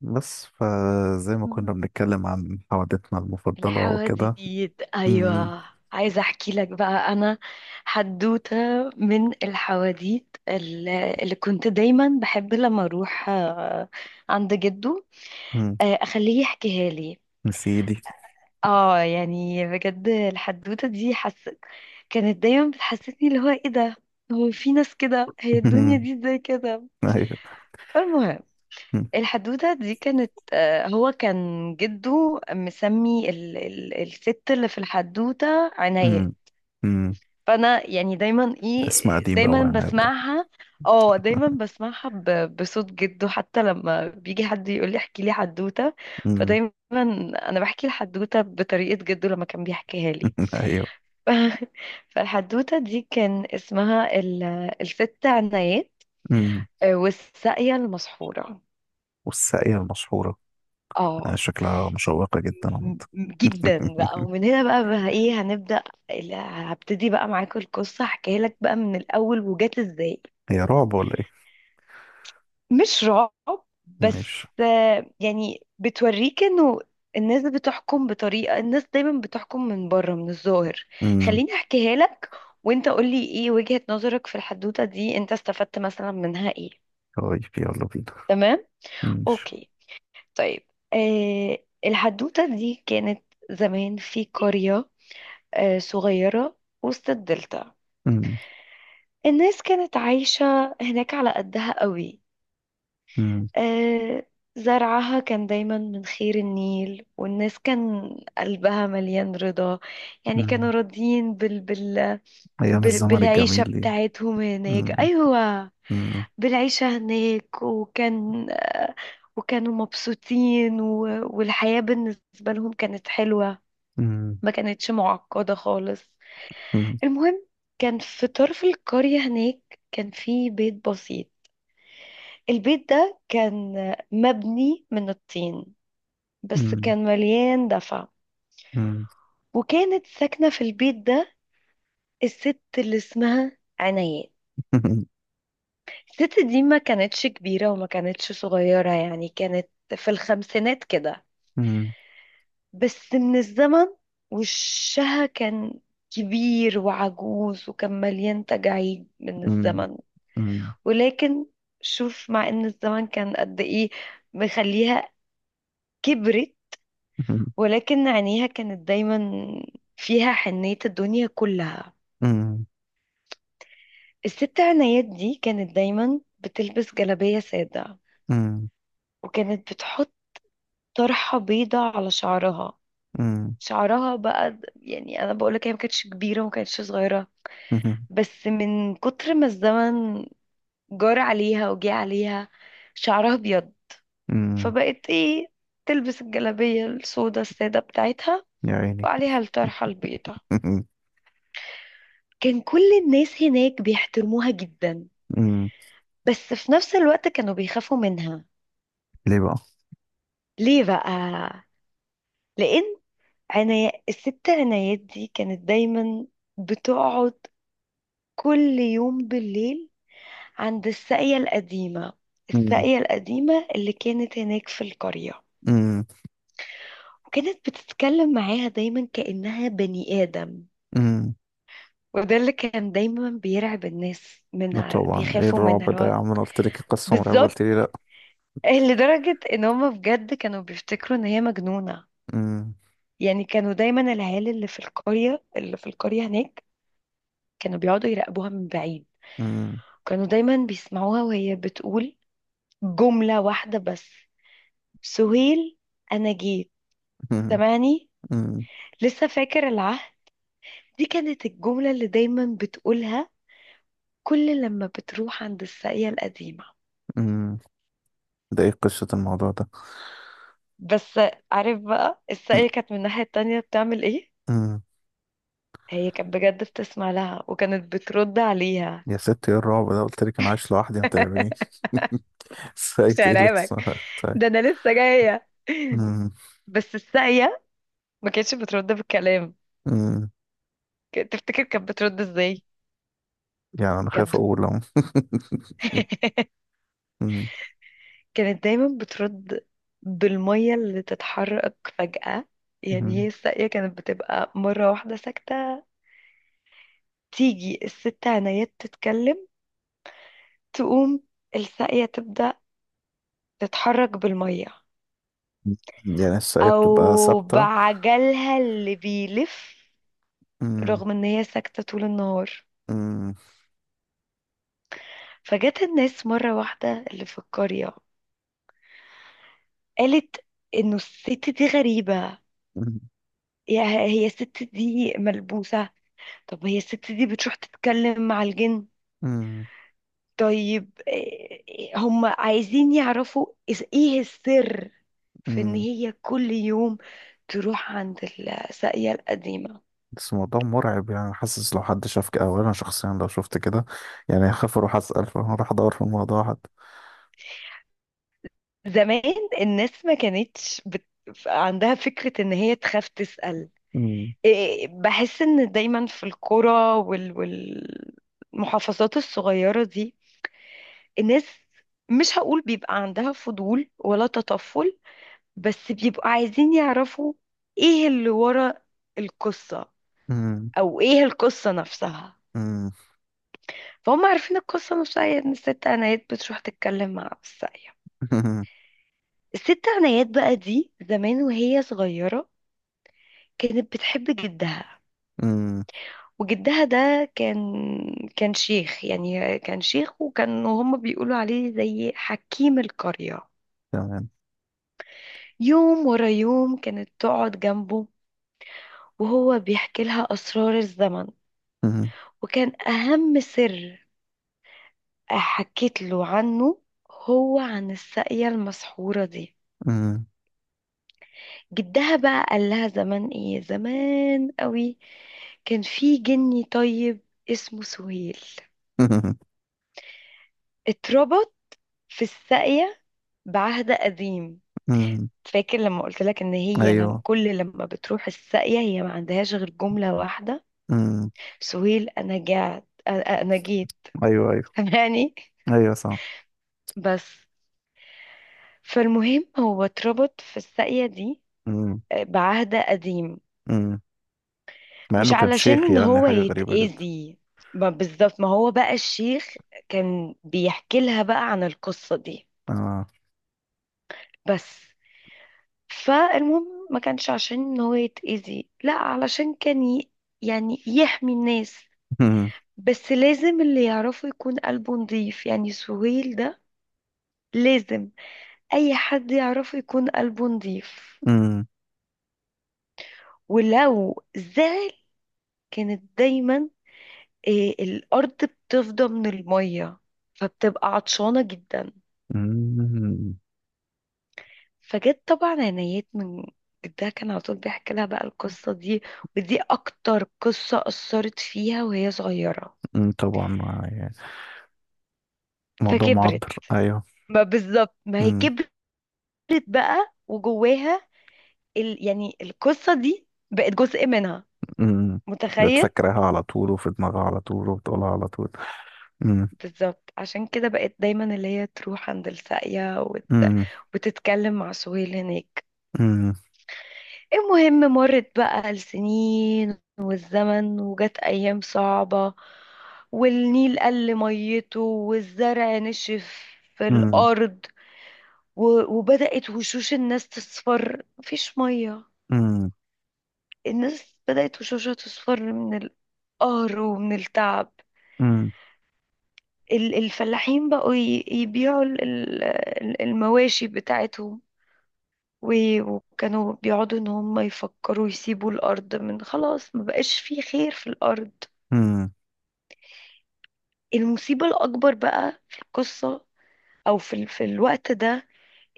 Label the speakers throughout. Speaker 1: بس فزي ما كنا
Speaker 2: مم.
Speaker 1: بنتكلم عن حوادثنا المفضلة وكده.
Speaker 2: الحواديت،
Speaker 1: أمم.
Speaker 2: ايوه. عايزه احكي لك بقى انا حدوته من الحواديت اللي كنت دايما بحب لما اروح عند جده.
Speaker 1: أمم.
Speaker 2: اخليه يحكيها لي.
Speaker 1: نسيدي.
Speaker 2: اه يعني بجد الحدوته دي حسيت كانت دايما بتحسسني اللي هو ايه ده، هو في ناس كده؟ هي الدنيا
Speaker 1: أمم.
Speaker 2: دي ازاي كده؟
Speaker 1: أيوه.
Speaker 2: فالمهم،
Speaker 1: أمم.
Speaker 2: الحدوتة دي كانت هو كان جده مسمي ال الست اللي في الحدوتة عناية.
Speaker 1: أمم. أمم.
Speaker 2: فأنا يعني دايما ايه،
Speaker 1: اسم قديم أوي
Speaker 2: دايما
Speaker 1: يعني هيتضاف.
Speaker 2: بسمعها. اه دايما بسمعها بصوت جده، حتى لما بيجي حد يقول لي احكي لي حدوتة
Speaker 1: أمم.
Speaker 2: فدايما انا بحكي الحدوتة بطريقة جده لما كان بيحكيها لي.
Speaker 1: أيوه.
Speaker 2: فالحدوتة دي كان اسمها ال الست عناية،
Speaker 1: أمم.
Speaker 2: والساقية المسحورة.
Speaker 1: والساقية المشهورة.
Speaker 2: اه،
Speaker 1: يعني شكلها مشوقة جدا عامة.
Speaker 2: جدا بقى، ومن هنا بقى, بقى ايه هنبدأ. هبتدي بقى معاك القصة، احكيها لك بقى من الأول وجات ازاي.
Speaker 1: هي رعب ولا إيه؟
Speaker 2: مش رعب،
Speaker 1: ماشي.
Speaker 2: بس يعني بتوريك انه الناس بتحكم بطريقة، الناس دايما بتحكم من بره من الظاهر.
Speaker 1: أمم.
Speaker 2: خليني احكيها لك، وانت قولي ايه وجهة نظرك في الحدوتة دي، انت استفدت مثلا منها ايه.
Speaker 1: طيب يلا بينا.
Speaker 2: تمام،
Speaker 1: ماشي.
Speaker 2: اوكي، طيب. آه، الحدوتة دي كانت زمان في قرية صغيرة وسط الدلتا.
Speaker 1: أمم.
Speaker 2: الناس كانت عايشة هناك على قدها قوي.
Speaker 1: أمم.
Speaker 2: آه، زرعها كان دايما من خير النيل، والناس كان قلبها مليان رضا، يعني
Speaker 1: أمم.
Speaker 2: كانوا راضيين
Speaker 1: أيام الزمن الجميل
Speaker 2: بالعيشة
Speaker 1: دي.
Speaker 2: بتاعتهم هناك،
Speaker 1: أمم.
Speaker 2: أيوة.
Speaker 1: أمم.
Speaker 2: بالعيشة هناك، وكان وكانوا مبسوطين والحياة بالنسبة لهم كانت حلوة،
Speaker 1: أمم.
Speaker 2: ما كانتش معقدة خالص. المهم، كان في طرف القرية هناك كان في بيت بسيط. البيت ده كان مبني من الطين، بس
Speaker 1: أمم.
Speaker 2: كان مليان دفع.
Speaker 1: أمم.
Speaker 2: وكانت ساكنة في البيت ده الست اللي اسمها عنايات. الست دي ما كانتش كبيرة وما كانتش صغيرة، يعني كانت في الخمسينات كده.
Speaker 1: أمم.
Speaker 2: بس من الزمن، وشها كان كبير وعجوز وكان مليان تجاعيد من
Speaker 1: مم.
Speaker 2: الزمن.
Speaker 1: مم.
Speaker 2: ولكن شوف، مع ان الزمن كان قد ايه مخليها كبرت،
Speaker 1: مم.
Speaker 2: ولكن عينيها كانت دايما فيها حنية الدنيا كلها.
Speaker 1: مم.
Speaker 2: الست عنايات دي كانت دايما بتلبس جلابية سادة،
Speaker 1: مم.
Speaker 2: وكانت بتحط طرحة بيضة على شعرها. شعرها بقى يعني انا بقولك هي ما كانتش كبيرة وما كانتش صغيرة،
Speaker 1: مم.
Speaker 2: بس من كتر ما الزمن جار عليها وجه عليها شعرها ابيض.
Speaker 1: مم.
Speaker 2: فبقت ايه، تلبس الجلابية السودا السادة بتاعتها،
Speaker 1: يا عيني.
Speaker 2: وعليها الطرحة البيضة. كان كل الناس هناك بيحترموها جدا،
Speaker 1: مم.
Speaker 2: بس في نفس الوقت كانوا بيخافوا منها.
Speaker 1: ليه بقى؟
Speaker 2: ليه بقى؟ لأن الست عنايات دي كانت دايما بتقعد كل يوم بالليل عند الساقية القديمة،
Speaker 1: مم.
Speaker 2: الساقية القديمة اللي كانت هناك في القرية،
Speaker 1: مم.
Speaker 2: وكانت بتتكلم معاها دايما كأنها بني آدم.
Speaker 1: مم.
Speaker 2: وده اللي كان دايما بيرعب الناس
Speaker 1: لا
Speaker 2: منها،
Speaker 1: طبعا ايه
Speaker 2: بيخافوا
Speaker 1: الرعب
Speaker 2: منها اللي
Speaker 1: ده يا
Speaker 2: هو
Speaker 1: عم انا قلت لك قصة مرعبة
Speaker 2: بالظبط.
Speaker 1: قلت لي لا.
Speaker 2: لدرجة ان هما بجد كانوا بيفتكروا ان هي مجنونة.
Speaker 1: مم.
Speaker 2: يعني كانوا دايما العيال اللي في القرية هناك كانوا بيقعدوا يراقبوها من بعيد.
Speaker 1: مم.
Speaker 2: كانوا دايما بيسمعوها وهي بتقول جملة واحدة بس: سهيل انا جيت،
Speaker 1: مم.
Speaker 2: سامعني؟
Speaker 1: مم.
Speaker 2: لسه فاكر العهد؟ دي كانت الجملة اللي دايما بتقولها كل لما بتروح عند الساقية القديمة.
Speaker 1: مم. ده ايه قصة الموضوع ده؟
Speaker 2: بس عارف بقى
Speaker 1: مم.
Speaker 2: الساقية كانت من الناحية التانية بتعمل ايه؟
Speaker 1: مم.
Speaker 2: هي كانت بجد بتسمع لها وكانت بترد عليها.
Speaker 1: يا ست ايه الرعب ده قلت لك انا عايش لوحدي ما ترعبنيش.
Speaker 2: مش
Speaker 1: سايت ايه اللي
Speaker 2: هرعبك،
Speaker 1: تصنع طيب.
Speaker 2: ده انا لسه جاية.
Speaker 1: مم.
Speaker 2: بس الساقية ما كانتش بترد بالكلام.
Speaker 1: مم.
Speaker 2: تفتكر كانت بترد ازاي؟
Speaker 1: يعني انا خايف
Speaker 2: كانت بت...
Speaker 1: اقول اهو.
Speaker 2: كانت دايما بترد بالمية اللي تتحرك فجأة. يعني هي
Speaker 1: مم.
Speaker 2: الساقية كانت بتبقى مرة واحدة ساكتة، تيجي الست عنايات تتكلم، تقوم الساقية تبدأ تتحرك بالمية
Speaker 1: يعني الشقية بتبقى
Speaker 2: او
Speaker 1: ثابتة.
Speaker 2: بعجلها اللي بيلف،
Speaker 1: أمم.
Speaker 2: رغم ان هي ساكتة طول النهار.
Speaker 1: أمم.
Speaker 2: فجت الناس مرة واحدة اللي في القرية، قالت انه الست دي غريبة،
Speaker 1: أمم.
Speaker 2: يا هي الست دي ملبوسة، طب هي الست دي بتروح تتكلم مع الجن؟
Speaker 1: أمم.
Speaker 2: طيب هم عايزين يعرفوا ايه السر في ان
Speaker 1: أمم.
Speaker 2: هي كل يوم تروح عند الساقية القديمة.
Speaker 1: بس الموضوع مرعب، يعني حاسس لو حد شاف كده أو أنا شخصيا لو شفت كده. يعني هخاف أروح أسأل، فهروح أدور في الموضوع حد.
Speaker 2: زمان الناس ما كانتش عندها فكرة ان هي تخاف تسأل.
Speaker 1: أمم.
Speaker 2: إيه، بحس ان دايما في القرى وال... والمحافظات الصغيرة دي الناس، مش هقول بيبقى عندها فضول ولا تطفل، بس بيبقوا عايزين يعرفوا ايه اللي ورا القصة،
Speaker 1: أمم.
Speaker 2: او ايه القصة نفسها.
Speaker 1: أمم.
Speaker 2: فهم عارفين القصة نفسها هي ان الست عنايات بتروح تتكلم مع الساقية.
Speaker 1: أمم.
Speaker 2: الست عنايات بقى دي زمان وهي صغيرة كانت بتحب جدها.
Speaker 1: أمم.
Speaker 2: وجدها ده كان شيخ، يعني كان شيخ، وكان هما بيقولوا عليه زي حكيم القرية.
Speaker 1: تمام.
Speaker 2: يوم ورا يوم كانت تقعد جنبه وهو بيحكي لها أسرار الزمن.
Speaker 1: أمم.
Speaker 2: وكان أهم سر حكيت له عنه هو عن الساقية المسحورة دي.
Speaker 1: أمم.
Speaker 2: جدها بقى قال لها زمان، ايه زمان قوي، كان في جني طيب اسمه سهيل،
Speaker 1: أمم.
Speaker 2: اتربط في الساقية بعهد قديم.
Speaker 1: أمم.
Speaker 2: فاكر لما قلت لك ان هي لم
Speaker 1: أيوه.
Speaker 2: كل لما بتروح الساقية هي ما عندهاش غير جملة واحدة:
Speaker 1: أمم.
Speaker 2: سهيل انا جعت، انا جيت.
Speaker 1: أيوه أيوه.
Speaker 2: يعني،
Speaker 1: أيوه صح.
Speaker 2: بس فالمهم هو اتربط في الساقية دي
Speaker 1: أمم.
Speaker 2: بعهد قديم.
Speaker 1: أمم. مع
Speaker 2: مش
Speaker 1: إنه كان
Speaker 2: علشان
Speaker 1: شيخ،
Speaker 2: ان
Speaker 1: يعني
Speaker 2: هو
Speaker 1: حاجة غريبة جدا.
Speaker 2: يتأذي، ما بالظبط، ما هو بقى الشيخ كان بيحكي لها بقى عن القصة دي.
Speaker 1: آه
Speaker 2: بس فالمهم، ما كانش عشان ان هو يتأذي، لا علشان يعني يحمي الناس.
Speaker 1: أمم.
Speaker 2: بس لازم اللي يعرفه يكون قلبه نضيف، يعني سهيل ده لازم اي حد يعرفه يكون قلبه نضيف،
Speaker 1: أمم.
Speaker 2: ولو زعل كانت دايما إيه، الارض بتفضى من المية فبتبقى عطشانة جدا.
Speaker 1: أمم.
Speaker 2: فجت طبعا عنايات من جدها، كان على طول بيحكي لها بقى القصة دي، ودي اكتر قصة اثرت فيها وهي صغيرة.
Speaker 1: أمم. طبعا موضوع
Speaker 2: فكبرت،
Speaker 1: معبر. ايوه.
Speaker 2: ما بالظبط ما هي
Speaker 1: امم.
Speaker 2: كبرت بقى وجواها يعني القصة دي بقت جزء منها،
Speaker 1: امم.
Speaker 2: متخيل؟
Speaker 1: بتفكرها على طول وفي دماغها على طول وبتقولها على طول. امم.
Speaker 2: بالظبط، عشان كده بقت دايما اللي هي تروح عند الساقية
Speaker 1: امم.
Speaker 2: وتتكلم مع سهيل هناك.
Speaker 1: امم.
Speaker 2: المهم، مرت بقى السنين والزمن، وجت أيام صعبة، والنيل قل ميته، والزرع نشف في
Speaker 1: امم.
Speaker 2: الأرض، وبدأت وشوش الناس تصفر، مفيش مية.
Speaker 1: امم.
Speaker 2: الناس بدأت وشوشها تصفر من القهر ومن التعب.
Speaker 1: امم.
Speaker 2: الفلاحين بقوا يبيعوا المواشي بتاعتهم، وكانوا بيقعدوا ان هم يفكروا يسيبوا الارض، من خلاص ما بقاش في خير في الارض. المصيبة الاكبر بقى في القصة او في في الوقت ده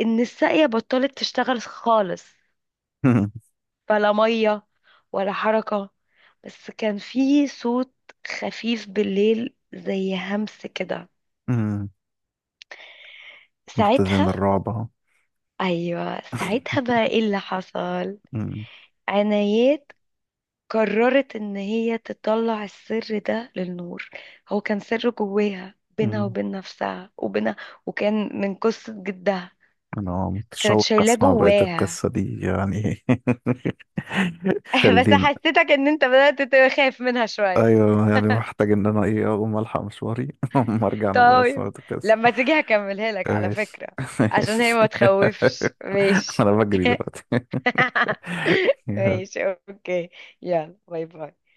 Speaker 2: ان الساقية بطلت تشتغل خالص،
Speaker 1: امم.
Speaker 2: بلا مية ولا حركة، بس كان في صوت خفيف بالليل زي همس كده.
Speaker 1: امم. مبتدئين
Speaker 2: ساعتها،
Speaker 1: الرعب اهو.
Speaker 2: ايوه ساعتها بقى ايه اللي حصل.
Speaker 1: امم.
Speaker 2: عنايات قررت ان هي تطلع السر ده للنور. هو كان سر جواها بينها
Speaker 1: امم.
Speaker 2: وبين نفسها وبينها، وكان من قصة جدها،
Speaker 1: انا
Speaker 2: كانت
Speaker 1: متشوق
Speaker 2: شايلاه
Speaker 1: اسمع بقية
Speaker 2: جواها.
Speaker 1: القصة دي يعني.
Speaker 2: بس
Speaker 1: خلينا.
Speaker 2: حسيتك ان انت بدأت تخاف منها شوية.
Speaker 1: ايوه، يعني محتاج ان انا ايه اقوم الحق مشواري. اما ارجع انا بقى اسمع
Speaker 2: طيب
Speaker 1: بقية القصة.
Speaker 2: لما تيجي هكملها لك على
Speaker 1: ماشي.
Speaker 2: فكرة، عشان هي
Speaker 1: ماشي.
Speaker 2: ما تخوفش. ماشي.
Speaker 1: انا بجري دلوقتي. يا
Speaker 2: ماشي، اوكي. يلا باي باي.